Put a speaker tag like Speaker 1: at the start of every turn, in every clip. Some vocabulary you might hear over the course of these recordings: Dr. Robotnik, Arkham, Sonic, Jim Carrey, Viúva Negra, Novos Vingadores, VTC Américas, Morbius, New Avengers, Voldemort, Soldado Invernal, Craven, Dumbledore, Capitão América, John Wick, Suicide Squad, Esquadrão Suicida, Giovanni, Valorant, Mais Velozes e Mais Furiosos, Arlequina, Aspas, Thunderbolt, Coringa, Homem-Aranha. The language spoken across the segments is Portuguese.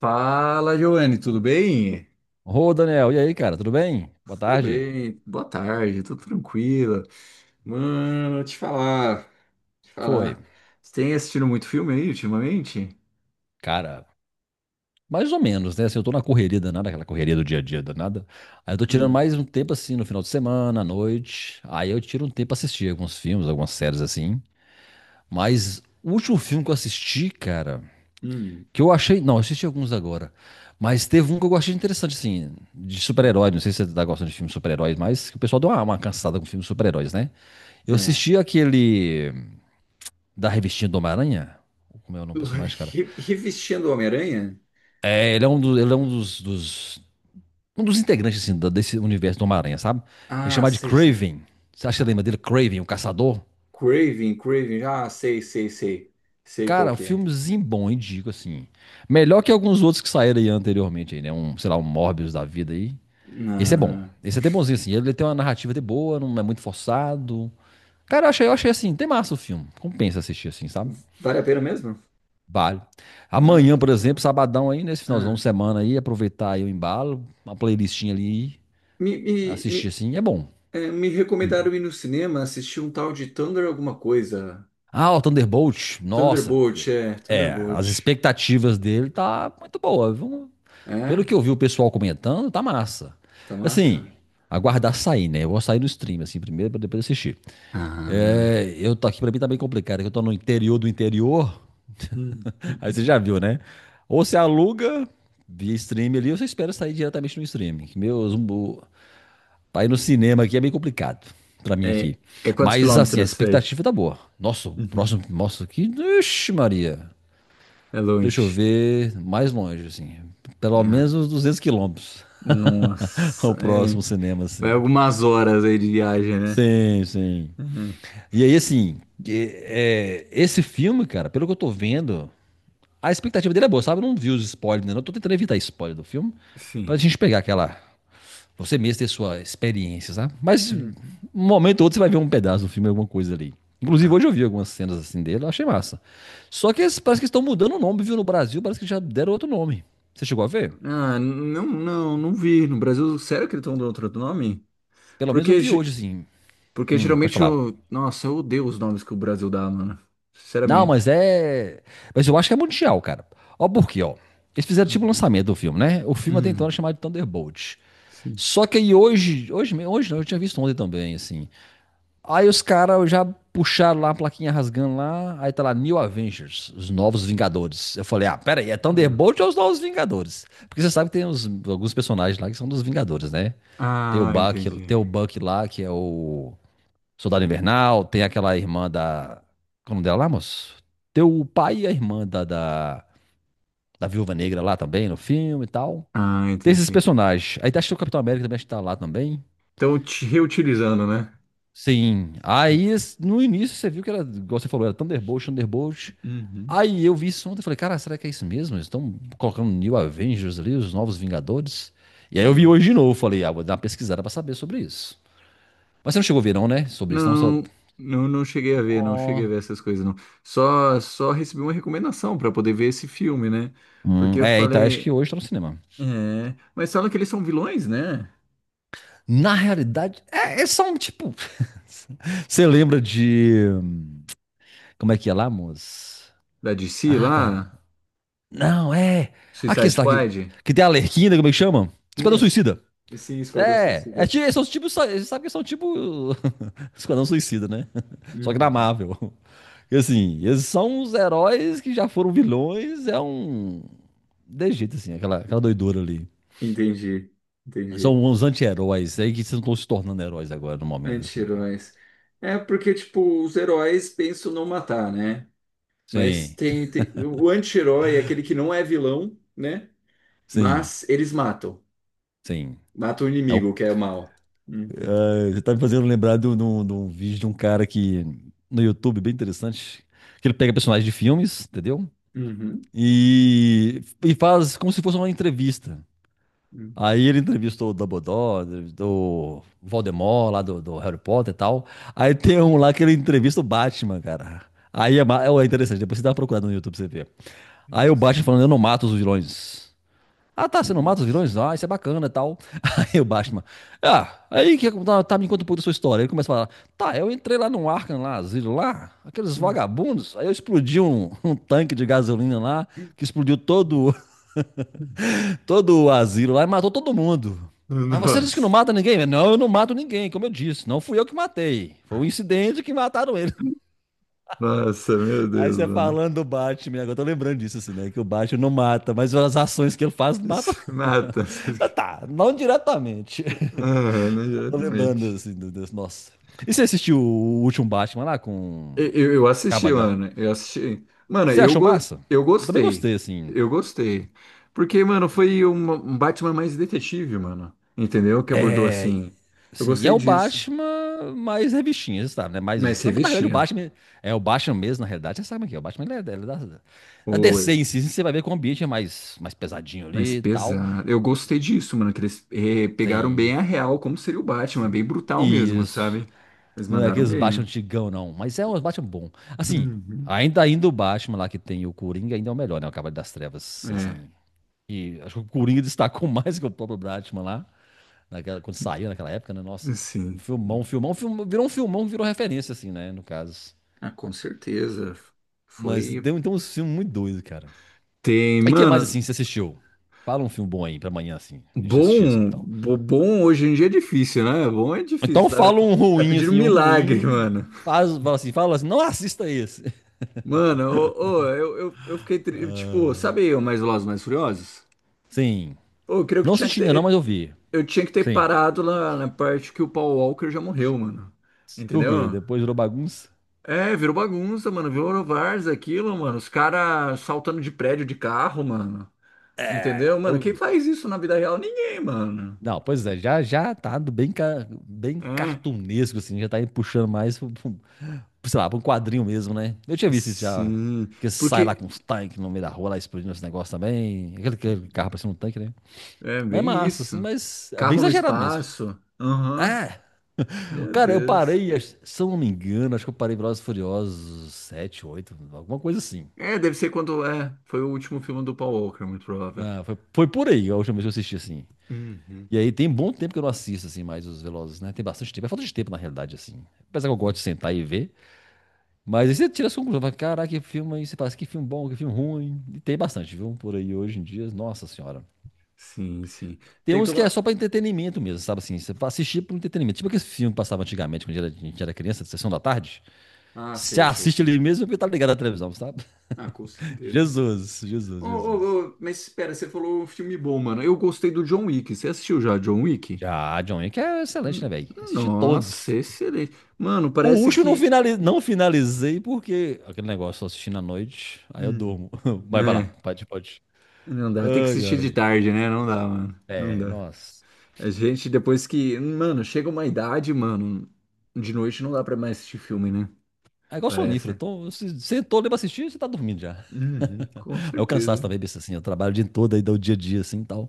Speaker 1: Fala, Giovanni, tudo bem?
Speaker 2: Ô, Daniel, e aí, cara, tudo bem? Boa
Speaker 1: Tudo
Speaker 2: tarde.
Speaker 1: bem, boa tarde, tudo tranquilo. Mano, te falar, te
Speaker 2: Foi.
Speaker 1: falar. Você tem assistido muito filme aí ultimamente?
Speaker 2: Cara, mais ou menos, né? Assim, eu tô na correria danada, aquela correria do dia a dia danada. Aí eu tô tirando
Speaker 1: Hum,
Speaker 2: mais um tempo assim no final de semana, à noite. Aí eu tiro um tempo pra assistir alguns filmes, algumas séries assim. Mas o último filme que eu assisti, cara,
Speaker 1: hum,
Speaker 2: que eu achei. Não, eu assisti alguns agora. Mas teve um que eu achei interessante, assim, de
Speaker 1: hum.
Speaker 2: super-herói. Não sei se você tá gostando de filmes de super-heróis, mas que o pessoal deu uma cansada com filmes de super-heróis, né? Eu
Speaker 1: É.
Speaker 2: assisti aquele. Da revistinha do Homem-Aranha. Como é o nome do personagem, cara?
Speaker 1: Revestindo o Homem-Aranha?
Speaker 2: É, ele é um, ele é um um dos integrantes assim, desse universo do Homem-Aranha, sabe? Ele é
Speaker 1: Ah,
Speaker 2: chamado de
Speaker 1: sei, sei.
Speaker 2: Craven. Você acha que
Speaker 1: Ah,
Speaker 2: lembra dele? Craven, o caçador?
Speaker 1: Craven, sei, sei, sei. Sei qual
Speaker 2: Cara, um
Speaker 1: que é.
Speaker 2: filmezinho bom, indico, assim. Melhor que alguns outros que saíram aí anteriormente, aí, né? Um, sei lá, um Morbius da vida aí. Esse é bom.
Speaker 1: Ah,
Speaker 2: Esse é até bonzinho, assim. Ele tem uma narrativa até boa, não é muito forçado. Cara, eu achei assim, tem massa o filme. Compensa assistir, assim, sabe?
Speaker 1: vale a pena mesmo?
Speaker 2: Vale.
Speaker 1: Ah,
Speaker 2: Amanhã,
Speaker 1: que
Speaker 2: por exemplo,
Speaker 1: legal.
Speaker 2: sabadão aí, nesse finalzão de
Speaker 1: Ah.
Speaker 2: semana aí, aproveitar aí o embalo, uma playlistinha ali,
Speaker 1: Me, me,
Speaker 2: assistir
Speaker 1: me,
Speaker 2: assim, é bom.
Speaker 1: É, me recomendaram ir no cinema assistir um tal de Thunder alguma coisa.
Speaker 2: Ah, o Thunderbolt, nossa, é, as
Speaker 1: Thunderbolt.
Speaker 2: expectativas dele tá muito boa, viu? Pelo
Speaker 1: É?
Speaker 2: que eu vi o pessoal comentando, tá massa.
Speaker 1: Tá
Speaker 2: Assim,
Speaker 1: massa?
Speaker 2: aguardar sair, né? Eu vou sair no stream, assim, primeiro, pra depois assistir.
Speaker 1: Ah.
Speaker 2: É, eu tô aqui, pra mim tá bem complicado, é que eu tô no interior do interior.
Speaker 1: Hum.
Speaker 2: Aí você já viu, né? Ou você aluga via stream ali, ou você espera sair diretamente no streaming. Meus, pra ir no cinema aqui é meio complicado pra mim
Speaker 1: É,
Speaker 2: aqui.
Speaker 1: é quantos
Speaker 2: Mas assim, a
Speaker 1: quilômetros daí?
Speaker 2: expectativa tá boa. Nossa, o
Speaker 1: Uhum.
Speaker 2: próximo, nossa, que, ixi Maria.
Speaker 1: É
Speaker 2: Deixa eu
Speaker 1: longe.
Speaker 2: ver mais longe, assim. Pelo
Speaker 1: Ah,
Speaker 2: menos uns 200 quilômetros.
Speaker 1: nossa.
Speaker 2: O
Speaker 1: É.
Speaker 2: próximo cinema,
Speaker 1: Vai
Speaker 2: assim.
Speaker 1: algumas horas aí de viagem, né?
Speaker 2: Sim, sim.
Speaker 1: Uhum.
Speaker 2: E aí, assim, é, esse filme, cara, pelo que eu tô vendo, a expectativa dele é boa, sabe? Eu não vi os spoilers, né? Eu tô tentando evitar spoiler do filme. Pra
Speaker 1: Sim.
Speaker 2: gente pegar aquela. Você mesmo ter sua experiência, sabe? Mas um
Speaker 1: Uhum.
Speaker 2: momento ou outro você vai ver um pedaço do filme, alguma coisa ali. Inclusive,
Speaker 1: Ah,
Speaker 2: hoje eu vi algumas cenas assim dele, eu achei massa. Só que parece que estão mudando o nome, viu? No Brasil, parece que já deram outro nome. Você chegou a ver?
Speaker 1: não, não vi. No Brasil, sério que eles estão dando outro nome?
Speaker 2: Pelo menos eu
Speaker 1: Porque
Speaker 2: vi hoje,
Speaker 1: ge-
Speaker 2: assim.
Speaker 1: Porque
Speaker 2: Pode
Speaker 1: geralmente
Speaker 2: falar.
Speaker 1: eu. Nossa, eu odeio os nomes que o Brasil dá, mano.
Speaker 2: Não, mas
Speaker 1: Sinceramente.
Speaker 2: é. Mas eu acho que é mundial, cara. Ó, por quê, ó? Eles fizeram tipo o
Speaker 1: Hum.
Speaker 2: lançamento do filme, né? O filme até então
Speaker 1: Hum,
Speaker 2: era chamado de Thunderbolt.
Speaker 1: sim.
Speaker 2: Só que aí hoje, hoje não, eu tinha visto ontem também, assim. Aí os caras já puxaram lá a plaquinha rasgando lá, aí tá lá New Avengers, os Novos Vingadores. Eu falei, ah, pera aí, é
Speaker 1: Hum.
Speaker 2: Thunderbolt ou os Novos Vingadores? Porque você sabe que tem alguns personagens lá que são dos Vingadores, né?
Speaker 1: Ah, entendi.
Speaker 2: Tem o Buck lá, que é o Soldado Invernal, tem aquela irmã da... Como é dela lá, moço? Tem o pai e a irmã da Viúva Negra lá também, no filme e tal.
Speaker 1: Ah,
Speaker 2: Tem esses
Speaker 1: entendi.
Speaker 2: personagens. Aí tá, acho que o Capitão América também acho que tá lá também.
Speaker 1: Então, te reutilizando, né?
Speaker 2: Sim. Aí, no início, você viu que era, igual você falou, era Thunderbolt.
Speaker 1: Uhum.
Speaker 2: Aí eu vi isso ontem e falei, cara, será que é isso mesmo? Eles estão colocando New Avengers ali, os Novos Vingadores. E aí eu vi hoje de
Speaker 1: Nossa.
Speaker 2: novo, falei, ah, vou dar uma pesquisada pra saber sobre isso. Mas você não chegou a ver não, né? Sobre isso, não só...
Speaker 1: Não, não cheguei a ver, não cheguei
Speaker 2: Ó.
Speaker 1: a ver essas coisas, não. Só recebi uma recomendação pra poder ver esse filme, né? Porque eu
Speaker 2: É, e tá, acho
Speaker 1: falei,
Speaker 2: que hoje tá no cinema.
Speaker 1: é, mas falam que eles são vilões, né?
Speaker 2: Na realidade, é, é só um tipo... Você lembra de... Como é que é lá, moço?
Speaker 1: Da DC
Speaker 2: Ah, cara.
Speaker 1: lá,
Speaker 2: Não, é... Aqui,
Speaker 1: Suicide
Speaker 2: está,
Speaker 1: Squad.
Speaker 2: que tem a Arlequina, como é que chama?
Speaker 1: Sim,
Speaker 2: Esquadrão
Speaker 1: é su-
Speaker 2: Suicida.
Speaker 1: sim, Esquadrão
Speaker 2: É, é,
Speaker 1: Suicida.
Speaker 2: são os tipos, você sabe que são tipo Esquadrão Suicida, né? Só que na
Speaker 1: Uhum.
Speaker 2: Marvel. E assim, eles são os heróis que já foram vilões, é um... De jeito, assim, aquela doidura ali.
Speaker 1: Entendi,
Speaker 2: São
Speaker 1: entendi.
Speaker 2: uns anti-heróis aí que estão se tornando heróis agora, no momento, assim, né?
Speaker 1: Anti-heróis. É porque, tipo, os heróis pensam não matar, né? Mas
Speaker 2: Sim,
Speaker 1: o anti-herói é aquele que não é vilão, né?
Speaker 2: sim,
Speaker 1: Mas eles matam.
Speaker 2: sim.
Speaker 1: Matam o
Speaker 2: É o-
Speaker 1: inimigo, que é o mal. Uhum.
Speaker 2: você tá me fazendo lembrar de um de um vídeo de um cara que... No YouTube, bem interessante. Que ele pega personagens de filmes, entendeu?
Speaker 1: Uhum.
Speaker 2: E faz como se fosse uma entrevista.
Speaker 1: Uhum.
Speaker 2: Aí ele entrevistou o Dumbledore, entrevistou o Voldemort lá do Harry Potter e tal. Aí tem um lá que ele entrevista o Batman, cara. Aí é, é interessante, depois você dá uma procurada no YouTube pra você ver. Aí o
Speaker 1: Nossa.
Speaker 2: Batman falando, eu não mato os vilões. Ah tá, você não
Speaker 1: Uhum.
Speaker 2: mata os vilões? Ah, isso é bacana e tal. Aí o Batman, ah, aí que tá, tá, me conta um pouco da sua história. Ele começa a falar, tá, eu entrei lá no Arkham, lá, asilo lá, aqueles
Speaker 1: Uhum.
Speaker 2: vagabundos, aí eu explodi um tanque de gasolina lá, que explodiu todo o asilo lá e matou todo mundo. Mas você disse que não
Speaker 1: Nossa,
Speaker 2: mata ninguém? Não, eu não mato ninguém, como eu disse. Não fui eu que matei. Foi um incidente que mataram ele.
Speaker 1: nossa, meu
Speaker 2: Aí
Speaker 1: Deus,
Speaker 2: você
Speaker 1: mano.
Speaker 2: falando do Batman, agora eu tô lembrando disso, assim, né? Que o Batman não mata, mas as ações que ele faz matam.
Speaker 1: Se mata.
Speaker 2: Mas tá, não diretamente.
Speaker 1: Aham, né,
Speaker 2: Tô lembrando,
Speaker 1: exatamente.
Speaker 2: assim, nossa. E você assistiu o último Batman lá com.
Speaker 1: Eu assisti,
Speaker 2: Cavalo da.
Speaker 1: mano. Eu assisti. Mano,
Speaker 2: Você achou massa?
Speaker 1: eu
Speaker 2: Também
Speaker 1: gostei.
Speaker 2: gostei, assim.
Speaker 1: Eu gostei. Porque, mano, um Batman mais detetive, mano. Entendeu? Que abordou
Speaker 2: É,
Speaker 1: assim. Eu
Speaker 2: sim, e é
Speaker 1: gostei
Speaker 2: o
Speaker 1: disso.
Speaker 2: Batman mais revistinha, você sabe, né?
Speaker 1: Mas
Speaker 2: Mais, na realidade, o
Speaker 1: revestia.
Speaker 2: Batman é o Batman mesmo, na realidade, você sabe que é. O Batman ele é da, da DC em
Speaker 1: Oi.
Speaker 2: si, você vai ver que o ambiente é mais, mais pesadinho
Speaker 1: Mas
Speaker 2: ali e tal.
Speaker 1: pesado. Eu gostei disso, mano. Que eles pegaram
Speaker 2: Tem,
Speaker 1: bem a real, como seria o Batman.
Speaker 2: sim.
Speaker 1: Bem brutal mesmo,
Speaker 2: Isso.
Speaker 1: sabe? Eles
Speaker 2: Não é
Speaker 1: mandaram
Speaker 2: aqueles Batman
Speaker 1: bem.
Speaker 2: antigão, não, mas é um Batman bom. Assim,
Speaker 1: Uhum.
Speaker 2: ainda o Batman lá que tem o Coringa ainda é o melhor, né? O Cavaleiro das Trevas,
Speaker 1: É,
Speaker 2: assim. E acho que o Coringa destacou mais que o próprio Batman lá. Naquela, quando saiu naquela época, né? Nossa,
Speaker 1: sim.
Speaker 2: um filmão, virou um filmão que virou referência, assim, né? No caso.
Speaker 1: Ah, com certeza.
Speaker 2: Mas
Speaker 1: Foi.
Speaker 2: deu então um filme muito doido, cara.
Speaker 1: Tem,
Speaker 2: E o que mais,
Speaker 1: mano.
Speaker 2: assim, você assistiu? Fala um filme bom aí pra amanhã, assim. A gente assistir, assim, tal.
Speaker 1: Bom hoje em dia é difícil, né? Bom é difícil,
Speaker 2: Então
Speaker 1: sabe?
Speaker 2: fala um
Speaker 1: Tá
Speaker 2: ruim,
Speaker 1: pedindo um
Speaker 2: assim, um
Speaker 1: milagre,
Speaker 2: ruim.
Speaker 1: mano.
Speaker 2: Faz, fala assim, não assista esse.
Speaker 1: Mano, eu, eu fiquei, tipo, sabe o Mais Velozes e Mais Furiosos?
Speaker 2: Sim.
Speaker 1: Ô, eu creio que
Speaker 2: Não assisti ainda não, mas eu vi.
Speaker 1: eu tinha que ter
Speaker 2: Sim.
Speaker 1: parado lá na parte que o Paul Walker já morreu, mano.
Speaker 2: Por quê?
Speaker 1: Entendeu?
Speaker 2: Depois virou bagunça?
Speaker 1: É, virou bagunça, mano. Virou várzea aquilo, mano. Os caras saltando de prédio de carro, mano. Entendeu?
Speaker 2: É.
Speaker 1: Mano, quem faz isso na vida real? Ninguém, mano.
Speaker 2: Não, pois é, já, já tá do bem, bem
Speaker 1: É,
Speaker 2: cartunesco, assim, já tá aí puxando mais sei lá, pra um quadrinho mesmo, né? Eu tinha visto isso já.
Speaker 1: sim.
Speaker 2: Que sai lá
Speaker 1: Porque
Speaker 2: com uns tanques no meio da rua, lá explodindo esse negócio também. Aquele carro parecendo um tanque, né?
Speaker 1: É
Speaker 2: Mas é
Speaker 1: bem
Speaker 2: massa, assim,
Speaker 1: isso.
Speaker 2: mas é bem
Speaker 1: Carro no
Speaker 2: exagerado mesmo.
Speaker 1: espaço. Aham.
Speaker 2: Ah,
Speaker 1: Meu
Speaker 2: cara, eu
Speaker 1: Deus.
Speaker 2: parei, se eu não me engano, acho que eu parei Velozes e Furiosos 7 8 alguma coisa assim.
Speaker 1: É, deve ser quando. É, foi o último filme do Paul Walker, muito provável.
Speaker 2: Ah, foi, foi por aí a última vez que eu assisti, assim.
Speaker 1: Uhum.
Speaker 2: E aí tem bom tempo que eu não assisto, assim, mais os Velozes, né? Tem bastante tempo, é falta de tempo, na realidade, assim. Apesar que eu gosto de
Speaker 1: Sim.
Speaker 2: sentar e ver. Mas aí você tira a sua fala, caraca, que filme aí, você fala, assim, que filme bom, que filme ruim. E tem bastante, viu? Por aí hoje em dia, nossa senhora.
Speaker 1: Sim, sim.
Speaker 2: Tem
Speaker 1: Tem que
Speaker 2: uns que é
Speaker 1: tomar.
Speaker 2: só pra entretenimento mesmo, sabe assim? Você vai assistir por entretenimento. Tipo aqueles filmes que passavam antigamente, quando a gente era criança, de sessão da tarde.
Speaker 1: Ah,
Speaker 2: Você
Speaker 1: sei, sei,
Speaker 2: assiste
Speaker 1: sei.
Speaker 2: ali mesmo porque tá ligado à televisão, sabe?
Speaker 1: Ah, com certeza.
Speaker 2: Jesus.
Speaker 1: Mas espera, você falou um filme bom, mano. Eu gostei do John Wick. Você assistiu já John Wick?
Speaker 2: Já, John Wick é excelente, né,
Speaker 1: Hum,
Speaker 2: velho? Assisti
Speaker 1: Nossa,
Speaker 2: todos.
Speaker 1: excelente. Mano,
Speaker 2: O
Speaker 1: parece
Speaker 2: último eu não,
Speaker 1: que.
Speaker 2: não finalizei porque aquele negócio, só assistindo à noite, aí eu
Speaker 1: Hum.
Speaker 2: durmo. Vai pra lá,
Speaker 1: É,
Speaker 2: pode.
Speaker 1: não dá. Tem que
Speaker 2: Ai,
Speaker 1: assistir
Speaker 2: ai.
Speaker 1: de tarde, né? Não dá, mano. Não
Speaker 2: É,
Speaker 1: dá.
Speaker 2: nossa.
Speaker 1: A gente, depois que. Mano, chega uma idade, mano. De noite não dá pra mais assistir filme, né?
Speaker 2: É igual sonífero.
Speaker 1: Parece.
Speaker 2: Então, se sentou ali pra assistir, você tá dormindo já.
Speaker 1: Uhum, com
Speaker 2: É o cansaço
Speaker 1: certeza.
Speaker 2: também, besta assim. Eu trabalho o dia todo aí, dá o dia a dia assim e tal.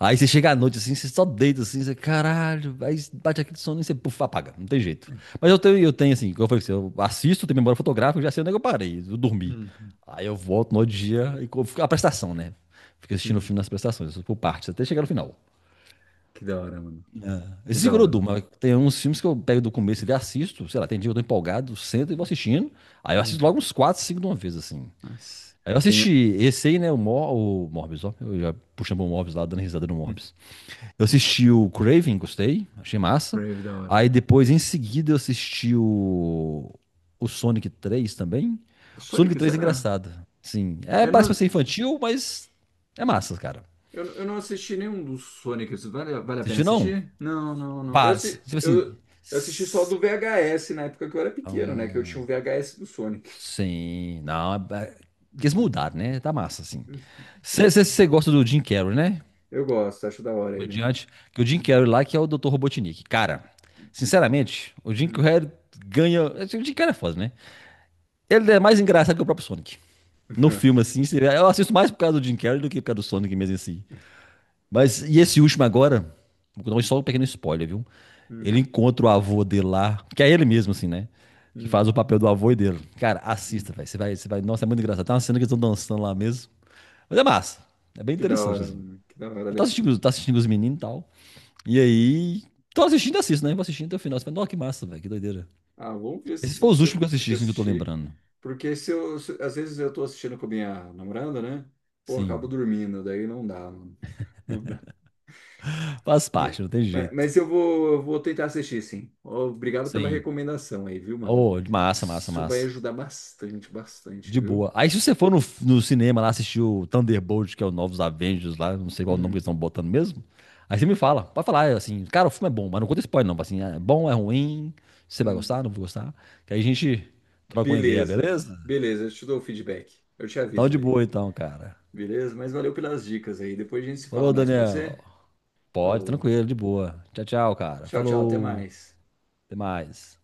Speaker 2: Aí você chega à noite assim, você só deita assim, você, caralho, aí bate aquele sono e você puf, apaga, não tem jeito. Mas eu tenho assim, como eu falei, pra você, eu assisto, tenho memória fotográfica, eu já sei onde é que eu parei, eu dormi.
Speaker 1: Uhum,
Speaker 2: Aí eu volto no outro dia e a prestação, né? Fico assistindo o
Speaker 1: uhum.
Speaker 2: filme nas prestações, por partes, até chegar no final.
Speaker 1: Que da hora, mano. Que
Speaker 2: Esse
Speaker 1: da
Speaker 2: Zigorodum,
Speaker 1: hora.
Speaker 2: mas tem uns filmes que eu pego do começo e assisto, sei lá, tem dia que eu tô empolgado, sento e vou assistindo. Aí eu assisto logo
Speaker 1: Uhum.
Speaker 2: uns 4 5 de uma vez, assim.
Speaker 1: Nossa.
Speaker 2: Aí eu
Speaker 1: Tem.
Speaker 2: assisti esse aí, né, o, Mor o Morbius, ó, eu já puxando o Morbius lá, dando risada no Morbius. Eu
Speaker 1: O
Speaker 2: assisti o Craven, gostei, achei massa.
Speaker 1: Crave da hora.
Speaker 2: Aí depois, em seguida, eu assisti o Sonic 3 também. O
Speaker 1: Sonic,
Speaker 2: Sonic 3 é
Speaker 1: será?
Speaker 2: engraçado, sim. É,
Speaker 1: É,
Speaker 2: parece pra ser infantil, mas é massa, cara.
Speaker 1: eu não assisti nenhum dos Sonics. Vale a pena
Speaker 2: Assistiu não?
Speaker 1: assistir? Não, não, não.
Speaker 2: Pá, tipo assim...
Speaker 1: Eu assisti só
Speaker 2: s-
Speaker 1: do VHS na época que eu era pequeno, né? Que eu tinha
Speaker 2: hum,
Speaker 1: o VHS do Sonic.
Speaker 2: sim, não. Eles
Speaker 1: Uhum.
Speaker 2: mudaram, né? Tá massa, assim.
Speaker 1: Entendi.
Speaker 2: Você gosta do Jim Carrey, né?
Speaker 1: Eu gosto, acho da hora ele.
Speaker 2: Comediante. Que o Jim Carrey
Speaker 1: Uhum,
Speaker 2: lá, que é o Dr. Robotnik. Cara, sinceramente, o Jim
Speaker 1: uhum,
Speaker 2: Carrey ganha. O Jim Carrey é foda, né? Ele é mais engraçado que o próprio Sonic. No filme, assim, eu assisto mais por causa do Jim Carrey do que por causa do Sonic mesmo assim. Mas, e esse último agora, vou dar só um pequeno spoiler, viu? Ele encontra o avô dele lá, que é ele mesmo, assim, né?
Speaker 1: uhum,
Speaker 2: Que faz
Speaker 1: uhum.
Speaker 2: o papel do avô e dele. Cara, assista, velho. Você vai. Nossa, é muito engraçado. Tem uma cena que eles estão dançando lá mesmo. Mas é massa. É bem
Speaker 1: Que da
Speaker 2: interessante,
Speaker 1: hora,
Speaker 2: assim.
Speaker 1: mano. Que da hora. Deve ser...
Speaker 2: Tô assistindo os meninos e tal. E aí. Tô assistindo e assisto, né? Vou assistindo até o final. Você fala, nossa, que massa, velho. Que doideira.
Speaker 1: Ah, vamos ver
Speaker 2: Esses foram os
Speaker 1: se eu
Speaker 2: últimos que eu assisti,
Speaker 1: consigo
Speaker 2: assim, que eu tô
Speaker 1: assistir.
Speaker 2: lembrando.
Speaker 1: Porque se eu, se- às vezes eu tô assistindo com a minha namorada, né? Pô, acabo
Speaker 2: Sim.
Speaker 1: dormindo, daí não dá, mano. Não dá.
Speaker 2: Faz
Speaker 1: Ma-
Speaker 2: parte, não tem jeito.
Speaker 1: Mas, eu vou tentar assistir, sim. Obrigado pela
Speaker 2: Sim.
Speaker 1: recomendação aí, viu, mano?
Speaker 2: Oh,
Speaker 1: Isso vai
Speaker 2: massa.
Speaker 1: ajudar bastante, bastante,
Speaker 2: De
Speaker 1: viu?
Speaker 2: boa. Aí se você for no, no cinema lá assistir o Thunderbolt, que é o Novos Avengers lá, não sei qual nome que eles
Speaker 1: Hum,
Speaker 2: estão botando mesmo. Aí você me fala, pode falar, é assim, cara, o filme é bom, mas não conta spoiler não, assim, é bom, é ruim, você vai
Speaker 1: hum.
Speaker 2: gostar, não vou gostar. Que aí a gente troca uma ideia,
Speaker 1: Beleza,
Speaker 2: beleza?
Speaker 1: beleza. Eu te dou o feedback. Eu te
Speaker 2: Então
Speaker 1: aviso
Speaker 2: de
Speaker 1: daí.
Speaker 2: boa então, cara.
Speaker 1: Beleza? Mas valeu pelas dicas aí. Depois a gente se fala
Speaker 2: Falou,
Speaker 1: mais, pode
Speaker 2: Daniel.
Speaker 1: ser?
Speaker 2: Pode,
Speaker 1: Falou.
Speaker 2: tranquilo, de boa. Tchau, cara.
Speaker 1: Tchau, tchau. Até
Speaker 2: Falou.
Speaker 1: mais.
Speaker 2: Até mais.